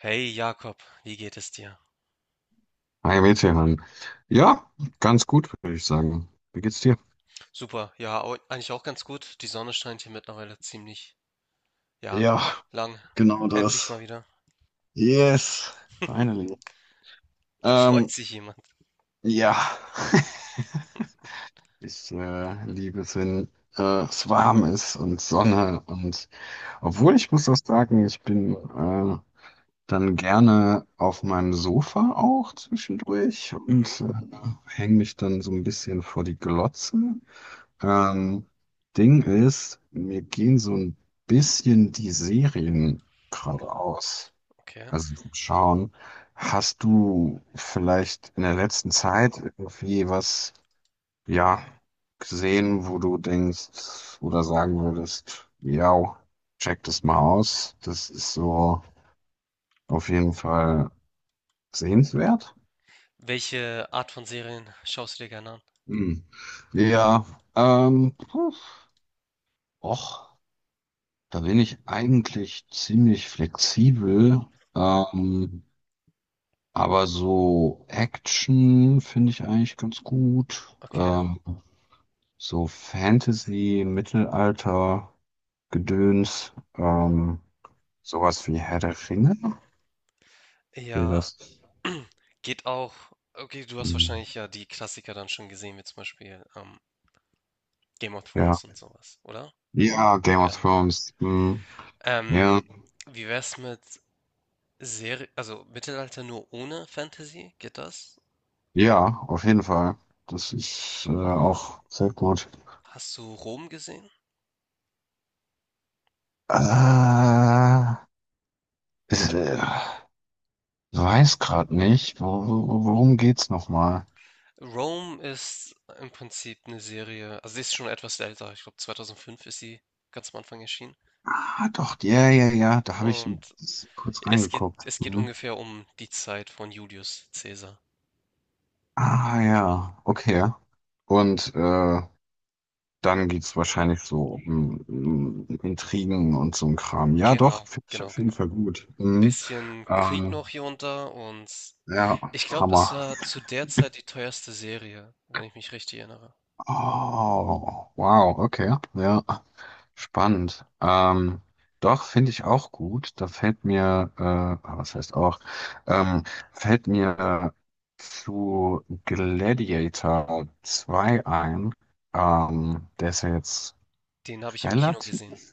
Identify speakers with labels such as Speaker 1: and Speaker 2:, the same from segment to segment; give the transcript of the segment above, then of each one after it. Speaker 1: Hey Jakob, wie geht es dir?
Speaker 2: Hi, Metehan. Ja, ganz gut, würde ich sagen. Wie geht's dir?
Speaker 1: Super, ja, eigentlich auch ganz gut. Die Sonne scheint hier mittlerweile ziemlich, ja,
Speaker 2: Ja,
Speaker 1: lang.
Speaker 2: genau
Speaker 1: Endlich
Speaker 2: das.
Speaker 1: mal wieder.
Speaker 2: Yes, finally.
Speaker 1: Da freut
Speaker 2: Ähm,
Speaker 1: sich jemand.
Speaker 2: ja, ich liebe es, wenn es warm ist und Sonne. Und obwohl ich muss auch sagen, ich bin dann gerne auf meinem Sofa auch zwischendurch
Speaker 1: Mhm,
Speaker 2: und hänge mich dann so ein bisschen vor die Glotze. Ähm, Ding ist, mir gehen so ein bisschen die Serien gerade aus.
Speaker 1: okay.
Speaker 2: Also schauen, hast du vielleicht in der letzten Zeit irgendwie was, ja, gesehen, wo du denkst oder sagen würdest, ja, check das mal aus. Das ist so auf jeden Fall sehenswert.
Speaker 1: Welche Art von Serien schaust du dir gerne an?
Speaker 2: Hm. Ja, puh, och. Da bin ich eigentlich ziemlich flexibel, ähm, aber so Action finde ich eigentlich ganz gut.
Speaker 1: Okay.
Speaker 2: So Fantasy, Mittelalter, Gedöns, sowas wie Herr der Ringe. Wie
Speaker 1: Ja,
Speaker 2: das?
Speaker 1: geht auch. Okay, du hast
Speaker 2: Hm,
Speaker 1: wahrscheinlich ja die Klassiker dann schon gesehen, wie zum Beispiel Game of
Speaker 2: ja.
Speaker 1: Thrones und sowas, oder?
Speaker 2: Ja, Game of
Speaker 1: Ja.
Speaker 2: Thrones. Hm, ja.
Speaker 1: Ähm, wie wär's mit Serie, also Mittelalter nur ohne Fantasy? Geht das?
Speaker 2: Ja, auf jeden Fall. Das ist auch sehr gut.
Speaker 1: Hast du Rom gesehen?
Speaker 2: Äh, ist, äh, Weiß gerade nicht. Worum geht's nochmal?
Speaker 1: Rome ist im Prinzip eine Serie, also sie ist schon etwas älter, ich glaube 2005 ist sie ganz am Anfang erschienen.
Speaker 2: Ah, doch, ja, ja, ja. Da habe ich
Speaker 1: Und
Speaker 2: kurz reingeguckt.
Speaker 1: es geht
Speaker 2: Mhm.
Speaker 1: ungefähr um die Zeit von Julius Caesar.
Speaker 2: Ah, ja, okay. Und dann geht's wahrscheinlich so um Intrigen und so ein Kram. Ja, doch,
Speaker 1: Genau,
Speaker 2: finde ich
Speaker 1: genau,
Speaker 2: auf jeden
Speaker 1: genau.
Speaker 2: Fall gut. Mhm.
Speaker 1: Bisschen Krieg
Speaker 2: Ähm,
Speaker 1: noch hier und da, und
Speaker 2: ja,
Speaker 1: ich glaube,
Speaker 2: Hammer.
Speaker 1: es war zu der Zeit die teuerste Serie, wenn ich mich richtig erinnere.
Speaker 2: Oh, wow, okay, ja. Spannend. Doch, finde ich auch gut. Da fällt mir, ah, was heißt auch, ähm, fällt mir zu Gladiator 2 ein. Der ist ja jetzt
Speaker 1: Den habe ich im Kino gesehen,
Speaker 2: relativ.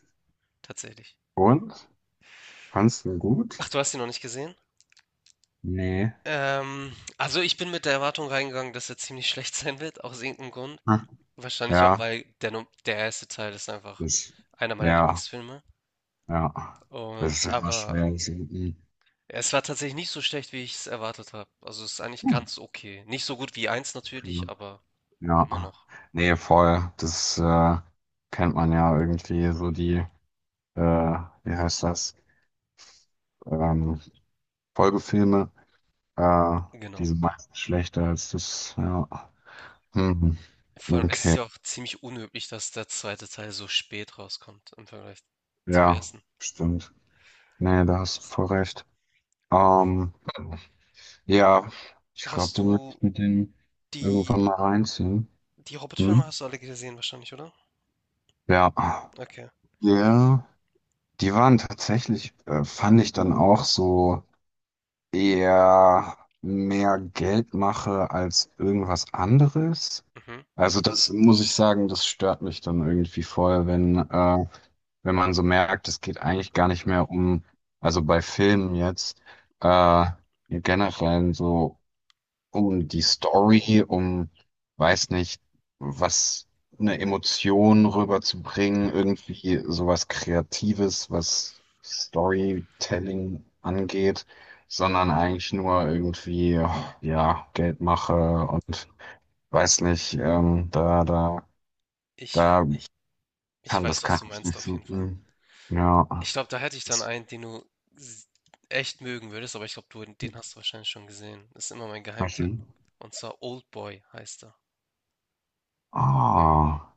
Speaker 1: tatsächlich.
Speaker 2: Und? Fandst du ihn gut?
Speaker 1: Ach, du hast ihn noch nicht gesehen?
Speaker 2: Nee.
Speaker 1: Also ich bin mit der Erwartung reingegangen, dass er ziemlich schlecht sein wird, aus irgendeinem Grund.
Speaker 2: Hm.
Speaker 1: Wahrscheinlich auch,
Speaker 2: Ja,
Speaker 1: weil der, der erste Teil ist einfach
Speaker 2: das,
Speaker 1: einer meiner
Speaker 2: ja,
Speaker 1: Lieblingsfilme.
Speaker 2: ja. Das
Speaker 1: Und
Speaker 2: ist immer
Speaker 1: aber
Speaker 2: schwer. Das ist, mm,
Speaker 1: es war tatsächlich nicht so schlecht, wie ich es erwartet habe. Also es ist eigentlich
Speaker 2: hm,
Speaker 1: ganz okay. Nicht so gut wie eins natürlich,
Speaker 2: cool.
Speaker 1: aber immer
Speaker 2: Ja.
Speaker 1: noch.
Speaker 2: Nee, voll. Das, kennt man ja irgendwie so die. Wie heißt das, ähm, Folgefilme, äh, die
Speaker 1: Genau.
Speaker 2: sind meistens schlechter als das, ja. Hm,
Speaker 1: Vor
Speaker 2: hm,
Speaker 1: allem ist es
Speaker 2: okay,
Speaker 1: ja auch ziemlich unüblich, dass der zweite Teil so spät rauskommt im Vergleich zum
Speaker 2: ja,
Speaker 1: ersten.
Speaker 2: stimmt. Nee, da hast du voll recht. Ähm, ja, ich glaube,
Speaker 1: Hast
Speaker 2: dann werde
Speaker 1: du
Speaker 2: ich mit den
Speaker 1: die,
Speaker 2: irgendwann mal reinziehen.
Speaker 1: die Hobbit-Filme
Speaker 2: Hm?
Speaker 1: hast du alle gesehen wahrscheinlich, oder?
Speaker 2: Ja,
Speaker 1: Okay.
Speaker 2: ja, die waren tatsächlich, fand ich dann auch so eher mehr Geldmache als irgendwas anderes.
Speaker 1: Mhm.
Speaker 2: Also das muss ich sagen, das stört mich dann irgendwie voll, wenn man so merkt, es geht eigentlich gar nicht mehr um, also bei Filmen jetzt, äh, generell so um die Story, um, weiß nicht, was eine Emotion rüberzubringen, irgendwie sowas Kreatives, was Storytelling angeht, sondern eigentlich nur irgendwie, ja, Geldmache und weiß nicht,
Speaker 1: Ich
Speaker 2: da ich
Speaker 1: Ich weiß, was
Speaker 2: kann
Speaker 1: du
Speaker 2: ich
Speaker 1: meinst
Speaker 2: nicht
Speaker 1: auf
Speaker 2: so
Speaker 1: jeden Fall.
Speaker 2: gut. Ja,
Speaker 1: Ich glaube, da hätte ich dann
Speaker 2: ist
Speaker 1: einen, den du s- echt mögen würdest, aber ich glaube, du, den hast du wahrscheinlich schon gesehen. Das ist immer mein
Speaker 2: mal
Speaker 1: Geheimtipp.
Speaker 2: schön.
Speaker 1: Und zwar Oldboy heißt er.
Speaker 2: Ah,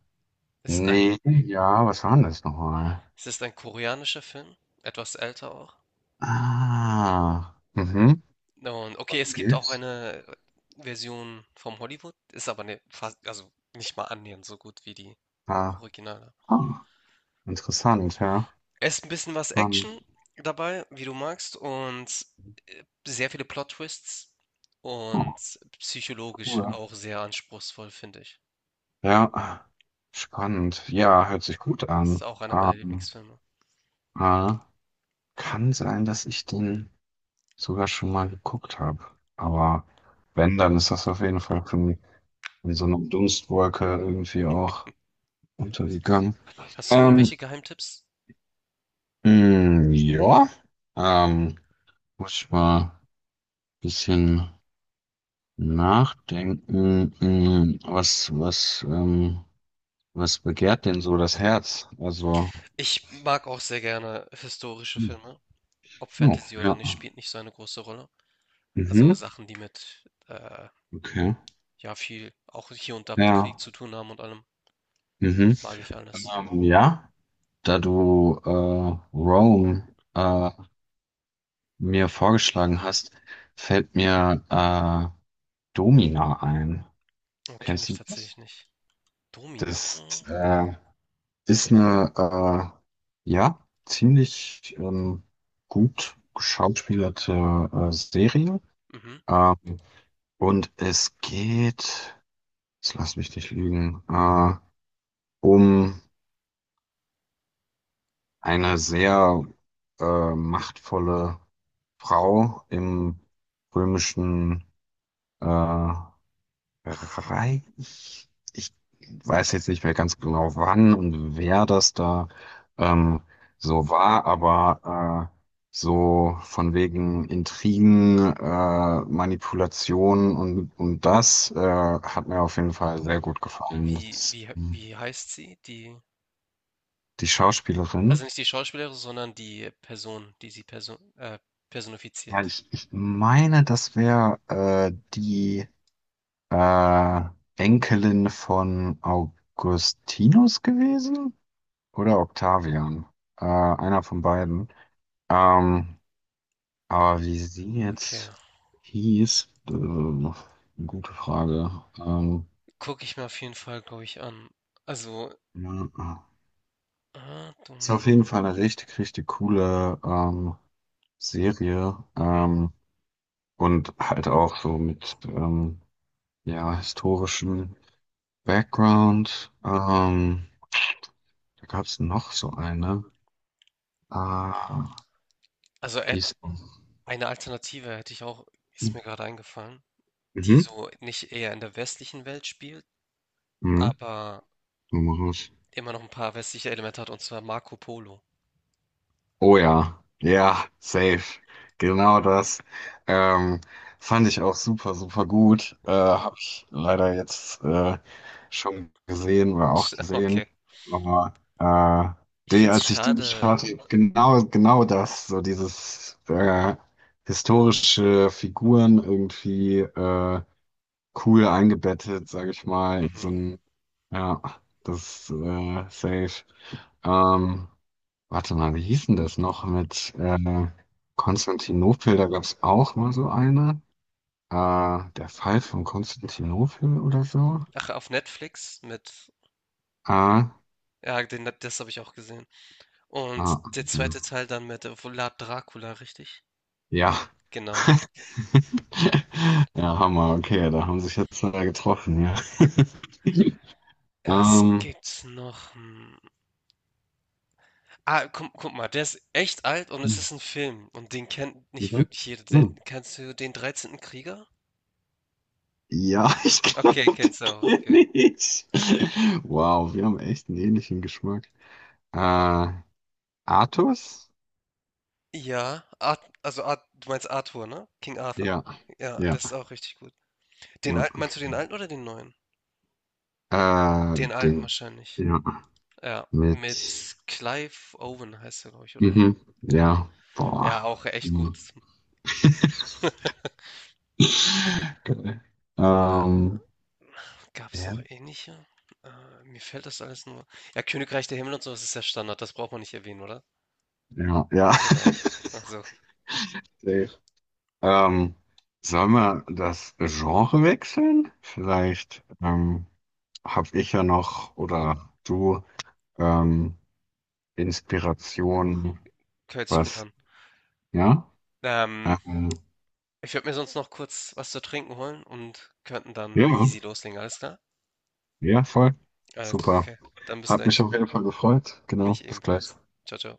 Speaker 1: Ist ein,
Speaker 2: nee, ja, was war denn das nochmal?
Speaker 1: es ist ein koreanischer Film, etwas älter auch.
Speaker 2: Ah, mhm.
Speaker 1: Und okay,
Speaker 2: Was denn
Speaker 1: es gibt auch
Speaker 2: gibt's?
Speaker 1: eine Version vom Hollywood, ist aber ne, fast, also nicht mal annähernd so gut wie die
Speaker 2: Ah,
Speaker 1: Originale.
Speaker 2: ah, interessant, ja.
Speaker 1: Es ist ein bisschen was
Speaker 2: Spannend.
Speaker 1: Action dabei, wie du magst, und, sehr viele Plot-Twists und
Speaker 2: Oh,
Speaker 1: psychologisch
Speaker 2: cool.
Speaker 1: auch sehr anspruchsvoll, finde ich.
Speaker 2: Ja, spannend. Ja, hört sich gut
Speaker 1: Das ist
Speaker 2: an.
Speaker 1: auch einer meiner
Speaker 2: Ähm,
Speaker 1: Lieblingsfilme.
Speaker 2: äh, kann sein, dass ich den sogar schon mal geguckt habe. Aber wenn, dann ist das auf jeden Fall für mich. Wie so eine Dunstwolke irgendwie auch untergegangen.
Speaker 1: Hast du
Speaker 2: Ähm,
Speaker 1: irgendwelche Geheimtipps?
Speaker 2: mh, ja, ähm, muss ich mal ein bisschen nachdenken. Was begehrt denn so das Herz? Also,
Speaker 1: Ich mag auch sehr gerne historische
Speaker 2: hm,
Speaker 1: Filme. Ob
Speaker 2: oh,
Speaker 1: Fantasy oder
Speaker 2: ja,
Speaker 1: nicht, spielt nicht so eine große Rolle. Also
Speaker 2: mhm,
Speaker 1: Sachen, die mit, äh,
Speaker 2: okay,
Speaker 1: ja, viel auch hier und da mit Krieg
Speaker 2: ja,
Speaker 1: zu tun haben und allem,
Speaker 2: mhm.
Speaker 1: mag ich alles.
Speaker 2: Ja, da du Rome äh, mir vorgeschlagen hast, fällt mir Domina ein.
Speaker 1: Oh, kenne
Speaker 2: Kennst
Speaker 1: ich
Speaker 2: du das?
Speaker 1: tatsächlich nicht. Domina?
Speaker 2: Das ist eine, ja, ziemlich gut geschauspielerte Serie.
Speaker 1: Mhm.
Speaker 2: Ähm, und es geht, jetzt lass mich nicht lügen, um eine sehr machtvolle Frau im römischen äh, Rei- Ich weiß jetzt nicht mehr ganz genau, wann und wer das da ähm, so war, aber so von wegen Intrigen, Manipulation und das hat mir auf jeden Fall sehr gut gefallen. Das
Speaker 1: Wie
Speaker 2: ist,
Speaker 1: wie wie heißt sie, die
Speaker 2: die
Speaker 1: Also
Speaker 2: Schauspielerin.
Speaker 1: nicht die Schauspielerin, sondern die Person, die sie
Speaker 2: Ja,
Speaker 1: personifiziert.
Speaker 2: ich meine, das wäre die äh, Enkelin von Augustinus gewesen. Oder Octavian. Einer von beiden. Ähm, aber wie sie
Speaker 1: Okay,
Speaker 2: jetzt hieß, eine gute Frage.
Speaker 1: gucke ich mir auf jeden Fall, glaube ich, an. Also,
Speaker 2: Ja,
Speaker 1: ah,
Speaker 2: ist
Speaker 1: Domino.
Speaker 2: auf jeden Fall eine richtig, richtig coole Serie.
Speaker 1: Mhm.
Speaker 2: Und halt auch so mit ja, historischem Background. Da gab es noch so eine. Ah,
Speaker 1: Also
Speaker 2: die ist.
Speaker 1: eine Alternative hätte ich auch, ist
Speaker 2: Mhm.
Speaker 1: mir gerade eingefallen, die so nicht eher in der westlichen Welt spielt,
Speaker 2: Mhm.
Speaker 1: aber
Speaker 2: Mhm.
Speaker 1: immer noch ein paar westliche Elemente hat, und zwar Marco Polo.
Speaker 2: Oh ja, ja, safe. Genau das. Ähm, fand ich auch super, super gut. Habe ich leider jetzt schon gesehen oder auch
Speaker 1: Okay.
Speaker 2: gesehen. Aber
Speaker 1: Ich
Speaker 2: die,
Speaker 1: finde es
Speaker 2: als ich den
Speaker 1: schade.
Speaker 2: schaute, genau, genau das, so dieses historische Figuren irgendwie cool eingebettet, sage ich mal, in
Speaker 1: Mhm.
Speaker 2: so ein, ja, das safe. Ähm, Warte mal, wie hieß denn das noch mit Konstantinopel? Da gab es auch mal so eine. Der Fall von Konstantinopel oder so.
Speaker 1: Ach, auf Netflix mit,
Speaker 2: Äh, ah,
Speaker 1: ja, den, das habe ich auch gesehen. Und der
Speaker 2: okay.
Speaker 1: zweite Teil dann mit Vlad Dracula, richtig?
Speaker 2: ja.
Speaker 1: Genau.
Speaker 2: Ja, Hammer, okay, da haben sich jetzt zwei getroffen, ja.
Speaker 1: Was
Speaker 2: Ähm,
Speaker 1: gibt's noch? Hm. Ah, guck mal, der ist echt alt und es
Speaker 2: mhm.
Speaker 1: ist ein Film und den kennt nicht wirklich jeder. Der
Speaker 2: Hm.
Speaker 1: kennst du den 13. Krieger?
Speaker 2: Ja, ich
Speaker 1: Okay,
Speaker 2: glaube, den
Speaker 1: kennst du auch, okay.
Speaker 2: kenne ich. Wow, wir haben echt einen ähnlichen Geschmack. Äh, Artus?
Speaker 1: Ja, Art also Art du meinst Arthur, ne? King Arthur.
Speaker 2: Ja,
Speaker 1: Ja, das ist
Speaker 2: ja.
Speaker 1: auch richtig gut. Den
Speaker 2: Ja,
Speaker 1: alten meinst
Speaker 2: okay.
Speaker 1: du, den alten oder den neuen? Den alten
Speaker 2: Den,
Speaker 1: wahrscheinlich.
Speaker 2: ja,
Speaker 1: Ja,
Speaker 2: mit,
Speaker 1: mit Clive Owen heißt er, glaube ich, oder?
Speaker 2: mhm,
Speaker 1: Ja.
Speaker 2: ja, boah,
Speaker 1: Ja, auch echt gut.
Speaker 2: mhm. Geil. Ähm,
Speaker 1: Gab's
Speaker 2: ja,
Speaker 1: noch ähnliche? Mir fällt das alles nur ja, Königreich der Himmel und so, ist ja Standard, das braucht man nicht erwähnen, oder?
Speaker 2: ja, ja.
Speaker 1: Genau. Also,
Speaker 2: Safe. Ähm, sollen wir das Genre wechseln? Vielleicht habe ich ja noch oder du ähm, Inspiration,
Speaker 1: hört sich gut
Speaker 2: was,
Speaker 1: an.
Speaker 2: ja?
Speaker 1: Ähm,
Speaker 2: Ähm,
Speaker 1: ich würde mir sonst noch kurz was zu trinken holen und könnten dann easy
Speaker 2: ja,
Speaker 1: loslegen, alles klar?
Speaker 2: ja, voll.
Speaker 1: Alles,
Speaker 2: Super.
Speaker 1: okay. Dann bis
Speaker 2: Hat mich
Speaker 1: gleich.
Speaker 2: auf jeden Fall gefreut. Genau,
Speaker 1: Mich
Speaker 2: bis gleich.
Speaker 1: ebenfalls. Ciao, ciao.